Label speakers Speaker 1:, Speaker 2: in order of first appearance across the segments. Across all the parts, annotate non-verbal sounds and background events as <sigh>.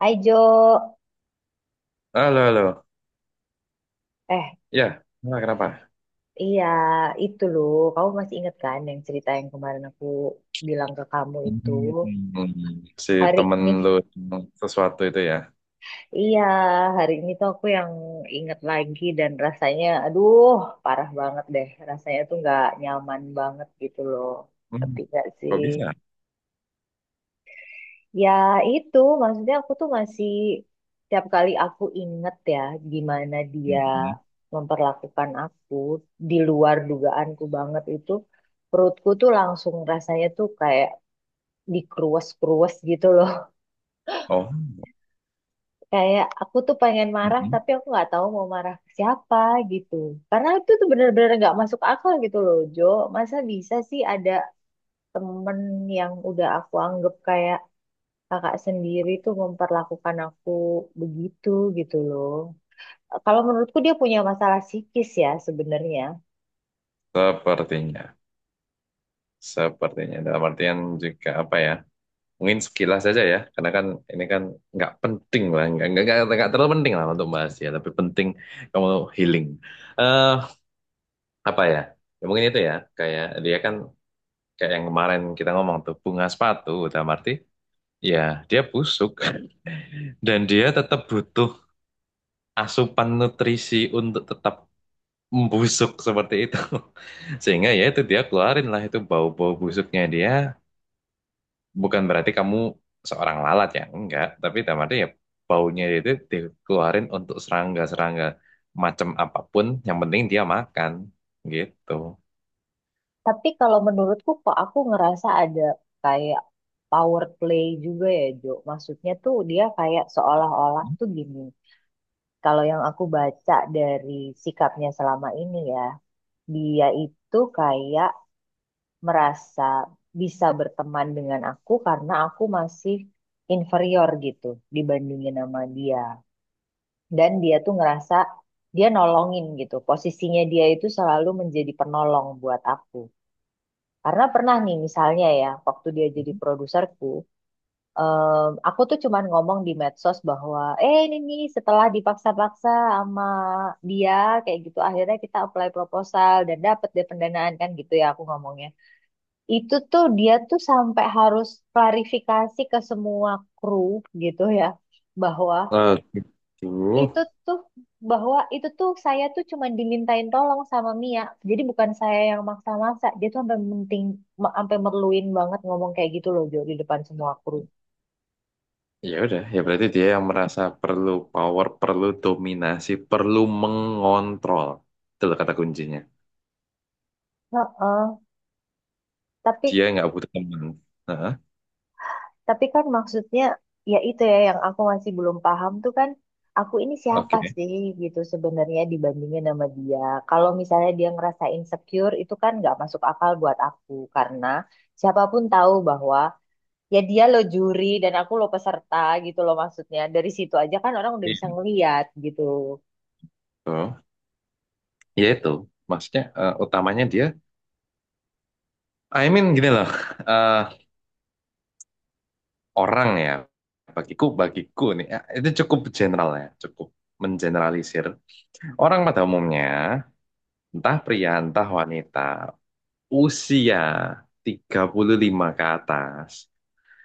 Speaker 1: Hai Jo,
Speaker 2: Halo, halo.
Speaker 1: eh
Speaker 2: Ya, nah, kenapa?
Speaker 1: iya itu loh, kamu masih inget kan yang cerita yang kemarin aku bilang ke kamu itu
Speaker 2: Hmm, si
Speaker 1: hari
Speaker 2: temen
Speaker 1: ini?
Speaker 2: lu sesuatu itu ya.
Speaker 1: Iya, hari ini tuh aku yang inget lagi dan rasanya, aduh parah banget deh, rasanya tuh nggak nyaman banget gitu loh,
Speaker 2: Hmm,
Speaker 1: tapi gak sih?
Speaker 2: kok bisa?
Speaker 1: Ya itu maksudnya aku tuh masih tiap kali aku inget ya gimana dia
Speaker 2: Mhm.
Speaker 1: memperlakukan aku di luar dugaanku banget itu perutku tuh langsung rasanya tuh kayak dikruas-kruas gitu loh. <laughs>
Speaker 2: Oh,
Speaker 1: Kayak aku tuh pengen marah
Speaker 2: mhm.
Speaker 1: tapi aku nggak tahu mau marah ke siapa gitu. Karena itu tuh bener-bener nggak masuk akal gitu loh Jo. Masa bisa sih ada temen yang udah aku anggap kayak kakak sendiri tuh memperlakukan aku begitu gitu loh. Kalau menurutku dia punya masalah psikis ya sebenarnya.
Speaker 2: Sepertinya. Sepertinya. Dalam artian juga apa ya? Mungkin sekilas saja ya. Karena kan ini kan nggak penting lah. Nggak terlalu penting lah untuk bahas ya. Tapi penting kamu healing. eh Apa ya? Ya mungkin itu ya. Kayak dia kan kayak yang kemarin kita ngomong tuh. Bunga sepatu. Dalam arti ya dia busuk <laughs> dan dia tetap butuh asupan nutrisi untuk tetap membusuk seperti itu. <laughs> Sehingga ya itu dia keluarin lah itu bau-bau busuknya dia. Bukan berarti kamu seorang lalat ya, enggak. Tapi dalam arti ya baunya itu dikeluarin untuk serangga-serangga macam apapun. Yang penting dia makan gitu.
Speaker 1: Tapi kalau menurutku kok aku ngerasa ada kayak power play juga ya Jo. Maksudnya tuh dia kayak seolah-olah tuh gini. Kalau yang aku baca dari sikapnya selama ini ya, dia itu kayak merasa bisa berteman dengan aku karena aku masih inferior gitu dibandingin sama dia. Dan dia tuh ngerasa dia nolongin gitu. Posisinya dia itu selalu menjadi penolong buat aku. Karena pernah nih misalnya ya, waktu dia jadi produserku, aku tuh cuman ngomong di medsos bahwa, eh ini nih setelah dipaksa-paksa sama dia kayak gitu, akhirnya kita apply proposal dan dapet deh pendanaan kan gitu ya aku ngomongnya. Itu tuh dia tuh sampai harus klarifikasi ke semua kru gitu ya, bahwa
Speaker 2: Nah, gitu.
Speaker 1: itu tuh bahwa itu tuh saya tuh cuma dimintain tolong sama Mia. Jadi bukan saya yang maksa-maksa. Dia tuh sampai penting sampai merluin banget ngomong kayak gitu loh Jo di depan semua kru.
Speaker 2: Ya udah, ya berarti dia yang merasa perlu power, perlu dominasi, perlu mengontrol. Itu loh kata kuncinya.
Speaker 1: Heeh. Tapi
Speaker 2: Dia nggak butuh teman. Nah,
Speaker 1: tapi kan maksudnya ya itu ya yang aku masih belum paham tuh kan aku ini siapa
Speaker 2: oke.
Speaker 1: sih gitu sebenarnya dibandingin sama dia. Kalau misalnya dia ngerasa insecure itu kan nggak masuk akal buat aku karena siapapun tahu bahwa ya dia lo juri dan aku lo peserta gitu loh maksudnya dari situ aja kan orang udah bisa
Speaker 2: Itu.
Speaker 1: ngeliat gitu.
Speaker 2: Ya itu. Maksudnya utamanya dia, I mean gini loh, <laughs> eh, orang ya, bagiku nih, itu cukup general ya, cukup mengeneralisir. Orang pada umumnya, entah pria, entah wanita, usia 35 ke atas,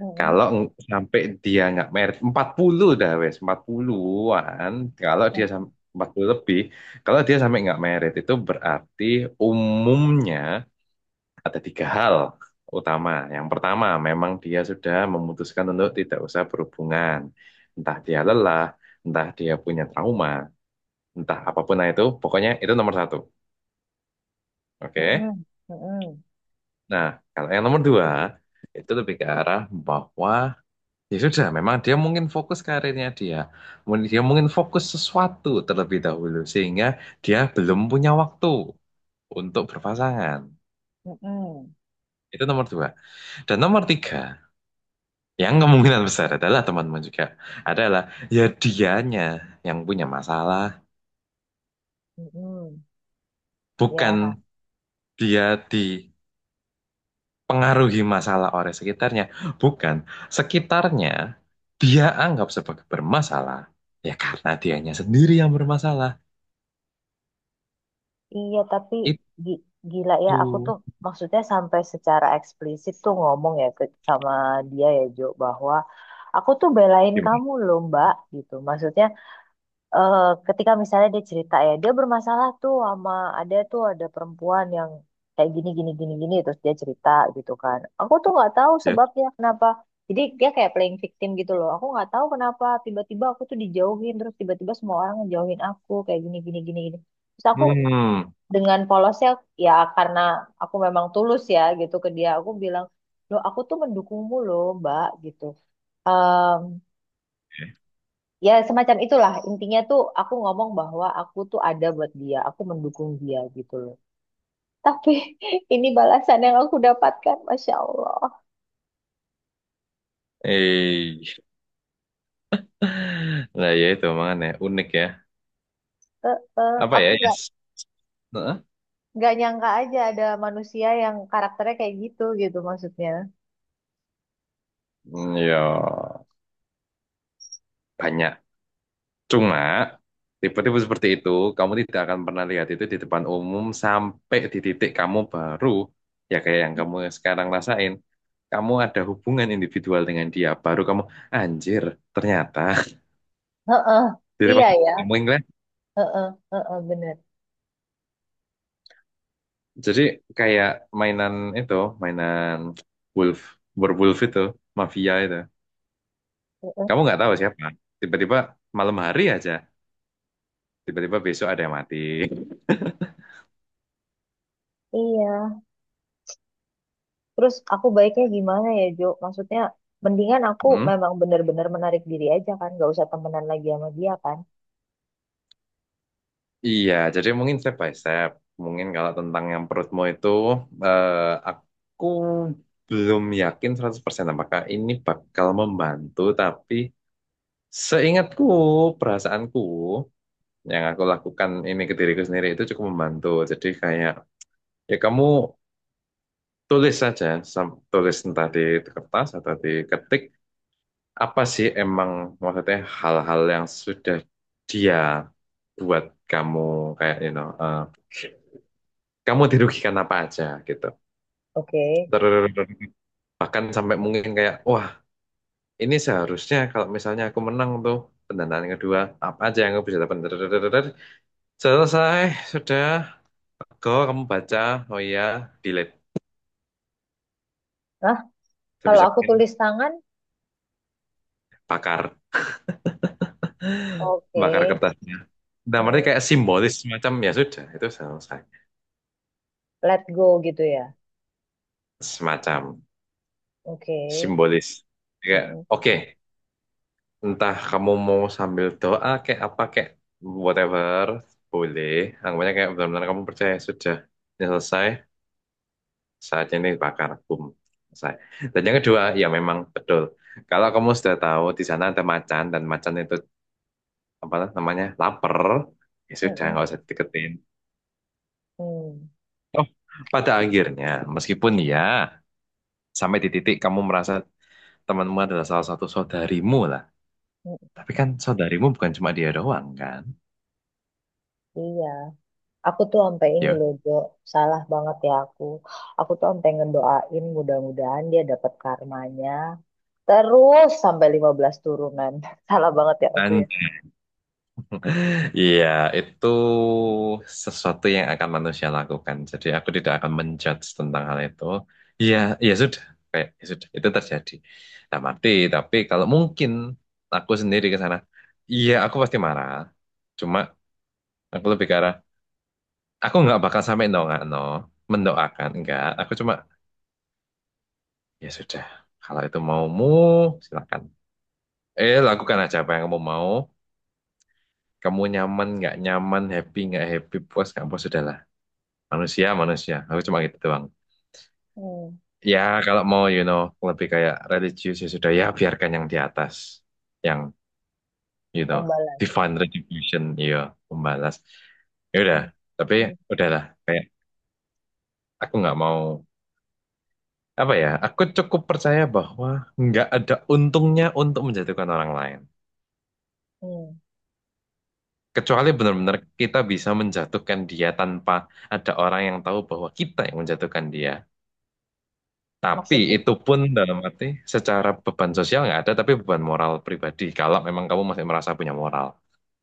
Speaker 1: Mm-mm.
Speaker 2: kalau sampai dia nggak merit 40 dah wes 40-an, kalau dia sampai 40 lebih, kalau dia sampai nggak merit itu berarti umumnya ada tiga hal utama. Yang pertama, memang dia sudah memutuskan untuk tidak usah berhubungan. Entah dia lelah, entah dia punya trauma, entah apapun lah itu, pokoknya itu nomor 1. Oke.
Speaker 1: Mm-mm, mm-mm,
Speaker 2: Nah, kalau yang nomor 2 itu lebih ke arah bahwa ya sudah, memang dia mungkin fokus karirnya dia. Dia mungkin fokus sesuatu terlebih dahulu sehingga dia belum punya waktu untuk berpasangan.
Speaker 1: mm-mm,
Speaker 2: Itu nomor 2. Dan nomor 3, yang kemungkinan besar adalah teman-teman juga adalah ya dianya yang punya masalah,
Speaker 1: mm-mm. Ya
Speaker 2: bukan dia dipengaruhi masalah oleh sekitarnya, bukan sekitarnya dia anggap sebagai bermasalah. Ya karena dianya sendiri yang bermasalah.
Speaker 1: iya tapi gi- gila ya aku tuh
Speaker 2: Itu
Speaker 1: maksudnya sampai secara eksplisit tuh ngomong ya ke sama dia ya Jo bahwa aku tuh belain
Speaker 2: gimana?
Speaker 1: kamu loh Mbak gitu maksudnya, eh, ketika misalnya dia cerita ya dia bermasalah tuh sama ada tuh ada perempuan yang kayak gini gini gini gini terus dia cerita gitu kan aku tuh nggak tahu
Speaker 2: Ya?
Speaker 1: sebabnya kenapa jadi dia kayak playing victim gitu loh aku nggak tahu kenapa tiba-tiba aku tuh dijauhin terus tiba-tiba semua orang ngejauhin aku kayak gini gini gini gini terus aku
Speaker 2: Hmm,
Speaker 1: dengan polosnya ya karena aku memang tulus ya gitu ke dia aku bilang loh aku tuh mendukungmu loh mbak gitu ya semacam itulah intinya tuh aku ngomong bahwa aku tuh ada buat dia aku mendukung dia gitu loh tapi <laughs> ini balasan yang aku dapatkan masya Allah.
Speaker 2: eh, <laughs> nah, ya itu makanya unik ya. Apa
Speaker 1: Aku
Speaker 2: ya?
Speaker 1: nggak
Speaker 2: Yes. Heeh.
Speaker 1: nggak nyangka aja ada manusia yang karakternya kayak gitu gitu maksudnya.
Speaker 2: Hmm, ya, banyak. Cuma, tipe-tipe seperti itu, kamu tidak akan pernah lihat itu di depan umum sampai di titik kamu baru, ya kayak yang kamu sekarang rasain, kamu ada hubungan individual dengan dia, baru kamu, anjir, ternyata. <laughs>
Speaker 1: Heeh.
Speaker 2: Di depan
Speaker 1: Iya ya.
Speaker 2: kamu ingat,
Speaker 1: Heeh, heeh, bener.
Speaker 2: jadi kayak mainan itu, mainan wolf, werewolf itu, mafia itu.
Speaker 1: Heeh,
Speaker 2: Kamu nggak tahu siapa. Tiba-tiba malam hari aja, tiba-tiba besok ada yang mati.
Speaker 1: iya terus aku baiknya gimana ya Jo maksudnya mendingan aku
Speaker 2: Hmm?
Speaker 1: memang bener-bener menarik diri aja kan nggak usah temenan lagi sama dia kan.
Speaker 2: Iya, jadi mungkin step by step. Mungkin kalau tentang yang perutmu itu, eh, aku belum yakin 100% apakah ini bakal membantu, tapi seingatku, perasaanku, yang aku lakukan ini ke diriku sendiri itu cukup membantu. Jadi kayak, ya kamu tulis saja, tulis entah di kertas atau di ketik, apa sih emang maksudnya hal-hal yang sudah dia buat kamu kayak kamu dirugikan apa aja gitu.
Speaker 1: Oke.
Speaker 2: Terus bahkan sampai mungkin kayak wah, ini seharusnya kalau misalnya aku menang tuh pendanaan kedua apa aja yang aku bisa dapat. Terus selesai, sudah. Go, kamu baca. Oh iya, delete.
Speaker 1: Nah, kalau
Speaker 2: Sebisa
Speaker 1: aku
Speaker 2: mungkin
Speaker 1: tulis tangan.
Speaker 2: bakar. <laughs>
Speaker 1: Oke.
Speaker 2: Bakar kertasnya. Nah, mereka
Speaker 1: Hmm.
Speaker 2: kayak simbolis semacam ya sudah, itu selesai.
Speaker 1: Let go gitu ya.
Speaker 2: Semacam.
Speaker 1: Oke.
Speaker 2: Simbolis. Kayak,
Speaker 1: Hmm,
Speaker 2: oke,
Speaker 1: hmm,
Speaker 2: entah kamu mau sambil doa kayak apa kayak whatever, boleh. Anggapannya kayak benar-benar kamu percaya sudah ini selesai, saatnya ini bakar, boom, selesai. Dan yang kedua, ya memang betul. Kalau kamu sudah tahu di sana ada macan dan macan itu apa namanya lapar, ya sudah
Speaker 1: hmm, hmm,
Speaker 2: nggak usah deketin.
Speaker 1: hmm,
Speaker 2: Oh, pada akhirnya, meskipun ya sampai di titik kamu merasa temanmu adalah salah satu saudarimu.
Speaker 1: hmm.
Speaker 2: Tapi kan saudarimu bukan cuma dia doang kan?
Speaker 1: Iya. Aku tuh sampai ini
Speaker 2: Ya.
Speaker 1: loh, Jo. Salah banget ya aku. Aku tuh sampai ngedoain mudah-mudahan dia dapat karmanya. Terus sampai 15 turunan. <laughs> Salah banget ya aku ya.
Speaker 2: Dan iya, itu sesuatu yang akan manusia lakukan. Jadi aku tidak akan menjudge tentang hal itu. Iya, ya sudah, kayak ya sudah itu terjadi. Nah, mati, tapi kalau mungkin aku sendiri ke sana, iya aku pasti marah. Cuma aku lebih ke arah, aku nggak bakal sampai no nggak no, mendoakan enggak. Aku cuma ya sudah, kalau itu maumu silakan. Lakukan aja apa yang kamu mau. Kamu nyaman nggak nyaman, happy nggak happy, puas nggak puas, sudahlah. Manusia, manusia. Aku cuma gitu doang.
Speaker 1: Hmm.
Speaker 2: Ya, kalau mau, lebih kayak religius ya sudah ya biarkan yang di atas, yang you know,
Speaker 1: Membalas.
Speaker 2: divine retribution, iya, membalas. Ya udah,
Speaker 1: Hmm.
Speaker 2: tapi
Speaker 1: Hmm.
Speaker 2: udahlah. Kayak aku nggak mau apa ya? Aku cukup percaya bahwa nggak ada untungnya untuk menjatuhkan orang lain.
Speaker 1: Hmm.
Speaker 2: Kecuali benar-benar kita bisa menjatuhkan dia tanpa ada orang yang tahu bahwa kita yang menjatuhkan dia. Tapi
Speaker 1: Maksudnya,
Speaker 2: itu pun dalam arti secara beban sosial nggak ada, tapi beban moral pribadi. Kalau memang kamu masih merasa punya moral,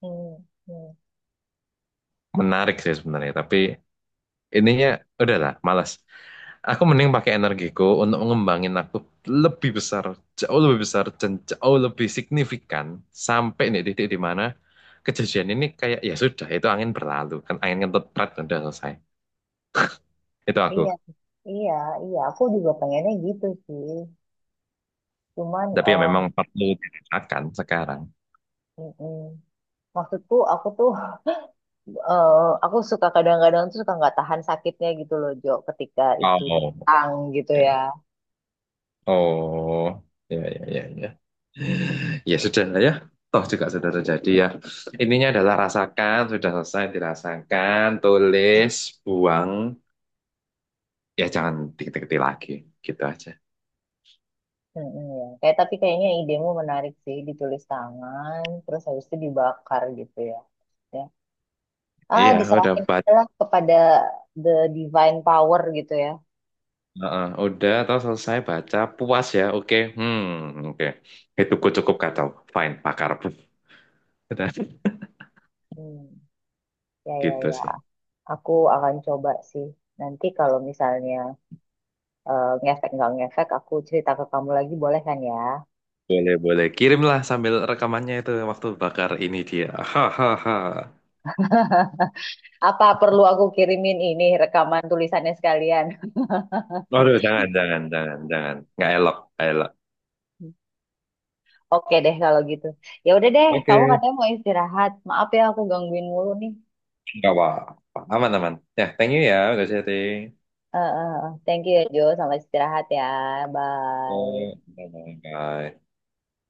Speaker 1: hmm. Hmm.
Speaker 2: menarik sih sebenarnya. Tapi ininya udahlah, malas. Aku mending pakai energiku untuk mengembangin aku lebih besar, jauh lebih besar dan jauh lebih signifikan sampai nih titik di mana kejadian ini kayak ya sudah itu angin berlalu kan angin kentut prat udah selesai. Itu
Speaker 1: Iya,
Speaker 2: aku.
Speaker 1: iya, iya. Aku juga pengennya gitu sih. Cuman,
Speaker 2: Tapi ya memang perlu ditingkatkan sekarang.
Speaker 1: mm, mm. Maksudku aku tuh eh, aku suka kadang-kadang tuh suka nggak tahan sakitnya gitu loh Jo ketika itu
Speaker 2: Oh,
Speaker 1: datang gitu ya.
Speaker 2: oke. Oh, ya, ya, ya, ya. Ya sudah lah ya. Toh juga sudah terjadi ya. Ininya adalah rasakan, sudah selesai dirasakan, tulis, buang. Ya jangan diketik-ketik lagi. Gitu aja.
Speaker 1: Mm-mm, ya. Kayak tapi kayaknya idemu menarik sih ditulis tangan terus habis itu dibakar gitu ya. Ya. Ah
Speaker 2: Iya, udah
Speaker 1: diserahin aja
Speaker 2: baca.
Speaker 1: lah kepada the divine power gitu ya.
Speaker 2: Udah, toh selesai baca. Puas ya, oke. Hmm, oke. Itu cukup kacau. Fine, bakar. <laughs> Udah,
Speaker 1: Hmm. Ya ya
Speaker 2: gitu
Speaker 1: ya.
Speaker 2: sih.
Speaker 1: Aku akan coba sih. Nanti kalau misalnya ngefek nggak ngefek aku cerita ke kamu lagi boleh kan ya?
Speaker 2: Boleh, boleh. Kirimlah sambil rekamannya itu waktu bakar ini dia. <laughs> Hahaha.
Speaker 1: Apa perlu aku kirimin ini rekaman tulisannya sekalian?
Speaker 2: Waduh, jangan, jangan, jangan, jangan. Nggak elok, nggak elok.
Speaker 1: <laughs> Oke deh kalau gitu. Ya udah deh, kamu
Speaker 2: Oke,
Speaker 1: katanya mau istirahat. Maaf ya aku gangguin mulu nih.
Speaker 2: nggak apa-apa. Aman, aman. Ya, thank you ya, udah sharing.
Speaker 1: Eh. Thank you ya Jo, selamat istirahat ya.
Speaker 2: Eh,
Speaker 1: Bye.
Speaker 2: Bye-bye.